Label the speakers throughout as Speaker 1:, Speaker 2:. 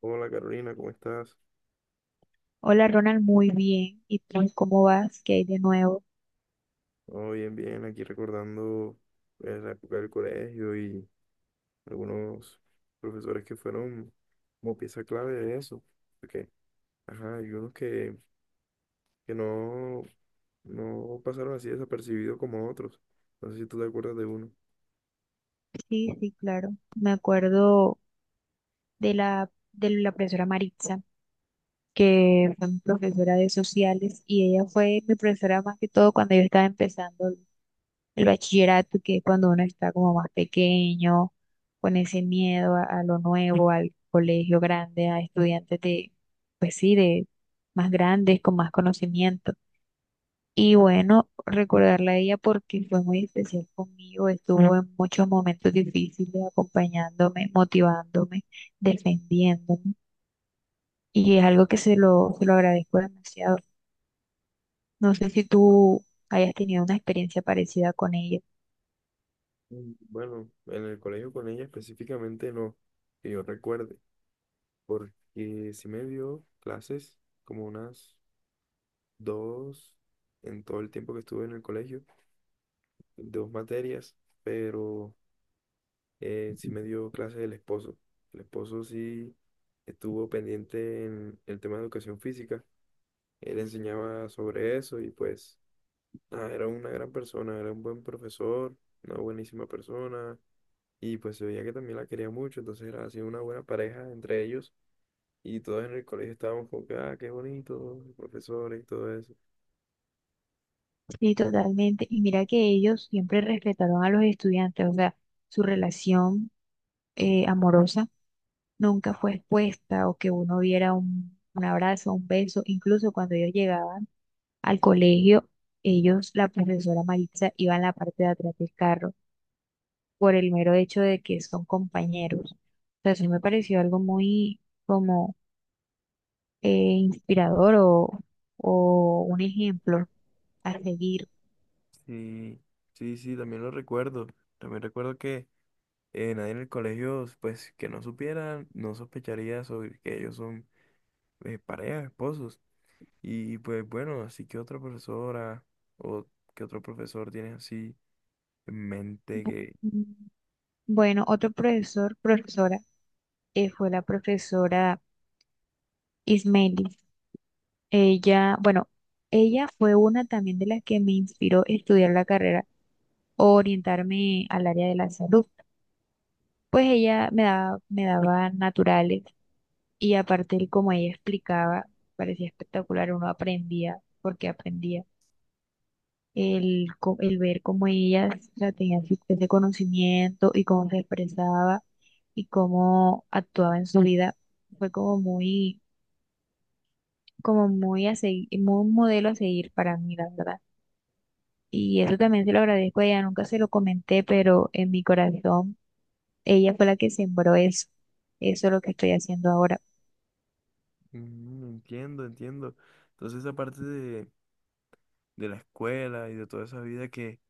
Speaker 1: Hola Carolina, ¿cómo estás?
Speaker 2: Hola Ronald, muy bien. ¿Y tú cómo vas? ¿Qué hay de nuevo?
Speaker 1: Oh, bien, bien, aquí recordando la época del colegio y algunos profesores que fueron como pieza clave de eso. Porque, ajá, hay unos que, que no, no pasaron así desapercibidos como otros. No sé si tú te acuerdas de uno.
Speaker 2: Sí, sí, claro. Me acuerdo de la profesora Maritza, que fue mi profesora de sociales y ella fue mi profesora más que todo cuando yo estaba empezando el bachillerato, que es cuando uno está como más pequeño, con ese miedo a lo nuevo, al colegio grande, a estudiantes de, pues sí, de más grandes, con más conocimiento. Y bueno, recordarla a ella porque fue muy especial conmigo, estuvo en muchos momentos difíciles acompañándome, motivándome, defendiéndome. Y es algo que se lo agradezco demasiado. No sé si tú hayas tenido una experiencia parecida con ella.
Speaker 1: Mm, bueno, en el colegio con ella específicamente no, que yo recuerde, porque sí me dio clases como unas dos en todo el tiempo que estuve en el colegio, dos materias, pero sí me dio clases el esposo. El esposo sí estuvo pendiente en el tema de educación física. Él enseñaba sobre eso y pues nada, era una gran persona, era un buen profesor, una buenísima persona, y pues se veía que también la quería mucho, entonces era así una buena pareja entre ellos y todos en el colegio estábamos como que, ah, qué bonito, los profesores y todo eso.
Speaker 2: Sí, totalmente. Y mira que ellos siempre respetaron a los estudiantes, o sea, su relación amorosa nunca fue expuesta o que uno viera un abrazo, un beso, incluso cuando ellos llegaban al colegio, ellos, la profesora Maritza, iba en la parte de atrás del carro por el mero hecho de que son compañeros. O sea, sí me pareció algo muy como eh, inspirador o un ejemplo a seguir.
Speaker 1: Sí, sí, sí, también lo recuerdo. También recuerdo que nadie en el colegio, pues que no supiera, no sospecharía sobre que ellos son pareja, esposos. Y pues bueno, así que otra profesora o que otro profesor tienes así en mente
Speaker 2: Bu-
Speaker 1: que...
Speaker 2: mm, Bueno, otro profesor, profesora, fue la profesora Ismelis. Ella, bueno, ella fue una también de las que me inspiró a estudiar la carrera o orientarme al área de la salud. Pues ella me daba naturales y aparte el como ella explicaba, parecía espectacular, uno aprendía, porque aprendía el ver cómo ella, o sea, tenía ese conocimiento y cómo se expresaba y cómo actuaba en su vida. Fue como muy a seguir, muy un modelo a seguir para mí, la verdad. Y eso también se lo agradezco a ella, nunca se lo comenté, pero en mi corazón ella fue la que sembró eso, eso es lo que estoy haciendo ahora.
Speaker 1: Mm, entiendo, entiendo. Entonces esa parte de la escuela y de toda esa vida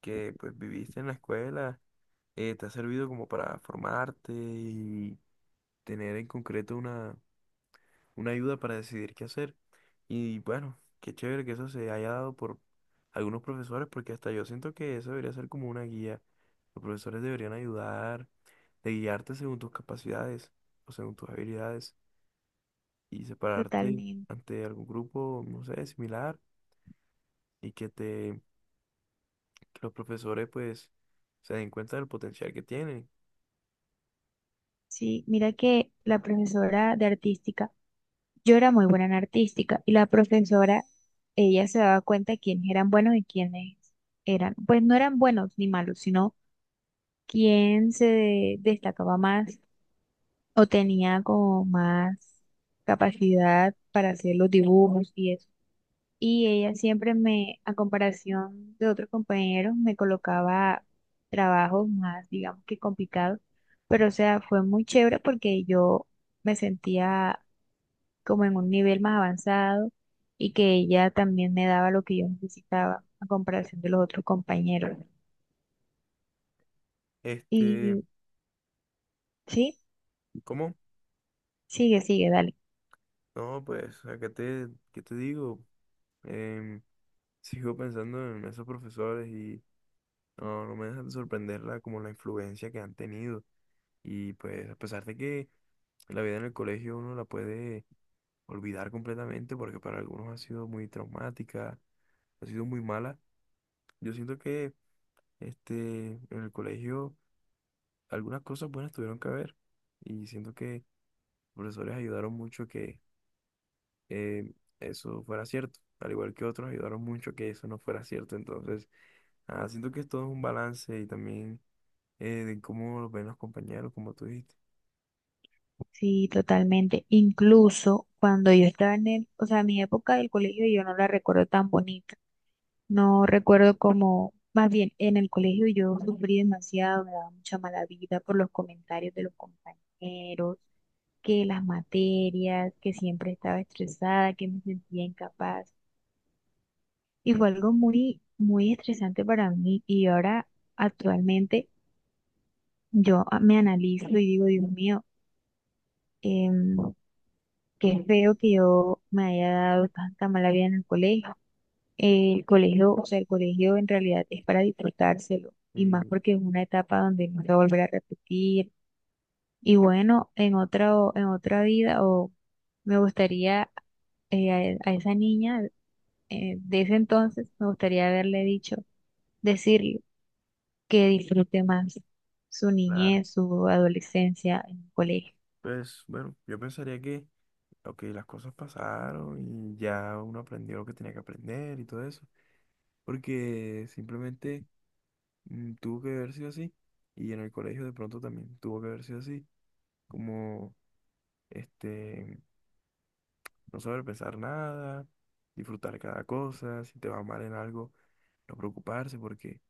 Speaker 1: que pues viviste en la escuela, te ha servido como para formarte y tener en concreto una ayuda para decidir qué hacer. Y bueno, qué chévere que eso se haya dado por algunos profesores, porque hasta yo siento que eso debería ser como una guía. Los profesores deberían ayudar, de guiarte según tus capacidades o según tus habilidades y separarte
Speaker 2: Totalmente.
Speaker 1: ante algún grupo, no sé, similar, y que los profesores pues se den cuenta del potencial que tienen.
Speaker 2: Sí, mira que la profesora de artística, yo era muy buena en artística y la profesora, ella se daba cuenta de quiénes eran buenos y quiénes eran, pues no eran buenos ni malos, sino quién destacaba más o tenía como más capacidad para hacer los dibujos y eso. Y ella siempre me, a comparación de otros compañeros, me colocaba trabajos más, digamos que complicados. Pero, o sea, fue muy chévere porque yo me sentía como en un nivel más avanzado y que ella también me daba lo que yo necesitaba a comparación de los otros compañeros.
Speaker 1: Este,
Speaker 2: Y sí,
Speaker 1: ¿cómo?
Speaker 2: sigue, dale.
Speaker 1: No, pues acá te, ¿qué te digo? Em, Sigo pensando en esos profesores. No, no me deja de sorprender la, como la influencia que han tenido. Y pues a pesar de que la vida en el colegio uno la puede olvidar completamente porque para algunos ha sido muy traumática, ha sido muy mala, yo siento que este, en el colegio algunas cosas buenas tuvieron que haber, y siento que los profesores ayudaron mucho que eh, eso fuera cierto, al igual que otros ayudaron mucho que eso no fuera cierto. Entonces, ah, siento que es todo un balance y también de cómo lo ven los compañeros, como tú dijiste.
Speaker 2: Sí, totalmente. Incluso cuando yo estaba en el, o sea, mi época del colegio yo no la recuerdo tan bonita. No recuerdo cómo, más bien en el colegio yo sufrí demasiado, me daba mucha mala vida por los comentarios de los compañeros, que las materias, que siempre estaba estresada, que me sentía incapaz. Y fue algo muy estresante para mí. Y ahora, actualmente, me analizo y digo, Dios mío, em, qué feo que yo me haya dado tanta mala vida en el colegio. El colegio, o sea, el colegio en realidad es para disfrutárselo y más
Speaker 1: Sí,
Speaker 2: porque es una etapa donde no se va a volver a repetir. Y bueno, en otra vida o me gustaría, a esa niña de ese entonces, me gustaría haberle dicho, decirle que disfrute más su
Speaker 1: claro.
Speaker 2: niñez, su adolescencia en el colegio.
Speaker 1: Pues bueno, yo pensaría que, ok, las cosas pasaron y ya uno aprendió lo que tenía que aprender y todo eso, porque simplemente mm, tuvo que haber sido así, y en el colegio de pronto también tuvo que haber sido así, como este, no saber pensar nada, disfrutar cada cosa, si te va mal en algo, no preocuparse porque...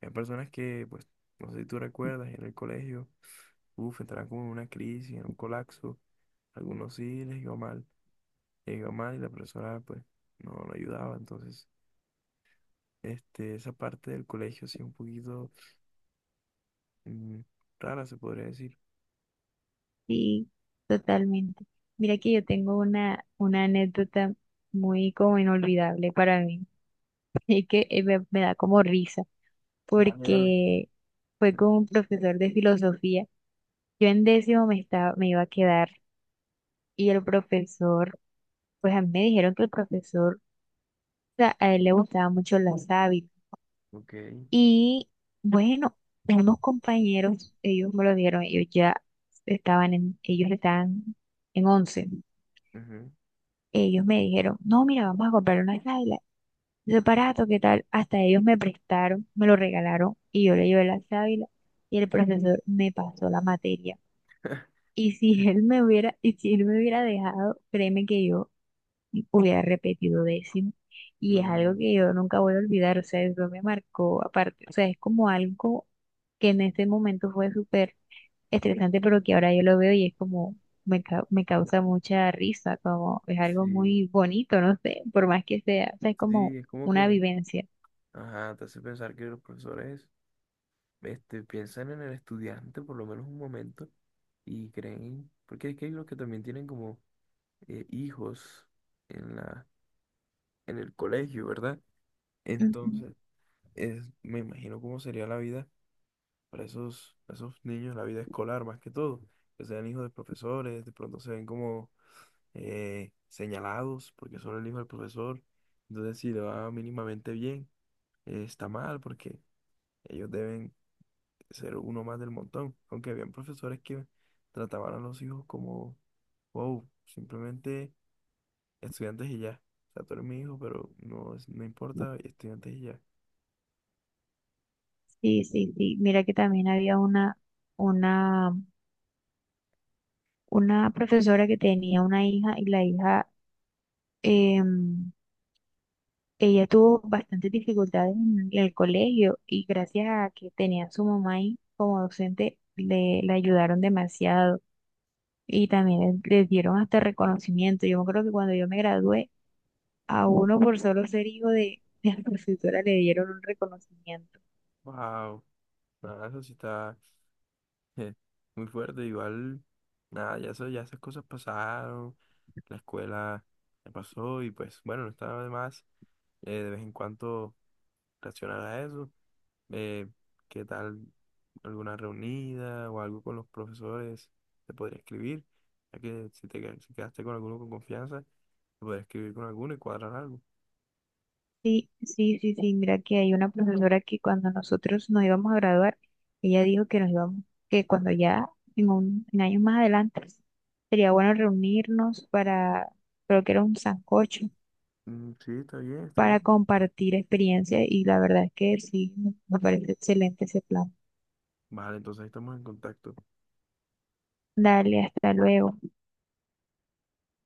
Speaker 1: Hay personas que, pues, no sé si tú recuerdas, en el colegio, uff, entraron como en una crisis, en un colapso. Algunos sí les iba mal y la persona, pues, no, no ayudaba. Entonces, este, esa parte del colegio sí un poquito mm, rara, se podría decir.
Speaker 2: Sí, totalmente. Mira que yo tengo una anécdota muy como inolvidable para mí. Y que me da como risa,
Speaker 1: Dale, dale.
Speaker 2: porque fue con un profesor de filosofía. Yo en décimo me estaba, me iba a quedar y el profesor, pues a mí me dijeron que el profesor, o sea, a él le gustaban mucho las hábitos.
Speaker 1: Ok.
Speaker 2: Y bueno, unos compañeros, ellos me lo dijeron, ellos ya estaban en, ellos estaban en once.
Speaker 1: Ujú.
Speaker 2: Ellos me dijeron, no, mira, vamos a comprar una sábanas ese aparato, ¿qué tal? Hasta ellos me prestaron, me lo regalaron y yo le llevé la sábila y el profesor me pasó la materia. Y si él me hubiera, y si él me hubiera dejado, créeme que yo hubiera repetido décimo. Y es algo
Speaker 1: No,
Speaker 2: que yo nunca voy a olvidar, o sea, eso me marcó aparte, o sea, es como algo que en ese momento fue súper estresante, pero que ahora yo lo veo y es como, me causa mucha risa, como es algo
Speaker 1: sí,
Speaker 2: muy bonito, no sé, por más que sea, o sea, es como
Speaker 1: sí, es como
Speaker 2: una
Speaker 1: que,
Speaker 2: vivencia.
Speaker 1: ajá, te hace pensar que los profesores este, piensan en el estudiante por lo menos un momento y creen, porque es que hay los que también tienen como hijos en la, en el colegio, ¿verdad?
Speaker 2: Ujú.
Speaker 1: Entonces, es, me imagino cómo sería la vida para esos niños, la vida escolar más que todo, que sean hijos de profesores, de pronto se ven como señalados porque son el hijo del profesor, entonces si le va mínimamente bien, está mal porque ellos deben ser uno más del montón. Aunque habían profesores que trataban a los hijos como, wow, simplemente estudiantes y ya. O sea, tú eres mi hijo, pero no, es- no importa, estudiantes y ya.
Speaker 2: Sí, sí, sí. Mira que también había una, una profesora que tenía una hija y la hija, em, ella tuvo bastantes dificultades en el colegio y gracias a que tenía a su mamá ahí como docente, le, la ayudaron demasiado y también les dieron hasta reconocimiento. Yo me acuerdo que cuando yo me gradué, a uno por solo ser hijo de la profesora le dieron un reconocimiento.
Speaker 1: Wow, nada, eso sí está eh, muy fuerte. Igual, nada, ya, eso, ya esas cosas pasaron, la escuela ya pasó y pues bueno, no estaba de más de vez en cuando reaccionar a eso. Eh, ¿Qué tal alguna reunida o algo con los profesores? Te podría escribir, ya que si te qued- si quedaste con alguno con confianza, te podría escribir con alguno y cuadrar algo.
Speaker 2: Sí, sí, sí, sí, mira que hay una profesora que cuando nosotros nos íbamos a graduar, ella dijo que nos íbamos, que cuando ya en un, en años más adelante sería bueno reunirnos para, creo que era un sancocho,
Speaker 1: Mm, sí, está bien, está
Speaker 2: para
Speaker 1: bien.
Speaker 2: compartir experiencias y la verdad es que sí, me parece excelente ese plan.
Speaker 1: Vale, entonces ahí estamos en contacto.
Speaker 2: Dale, hasta luego.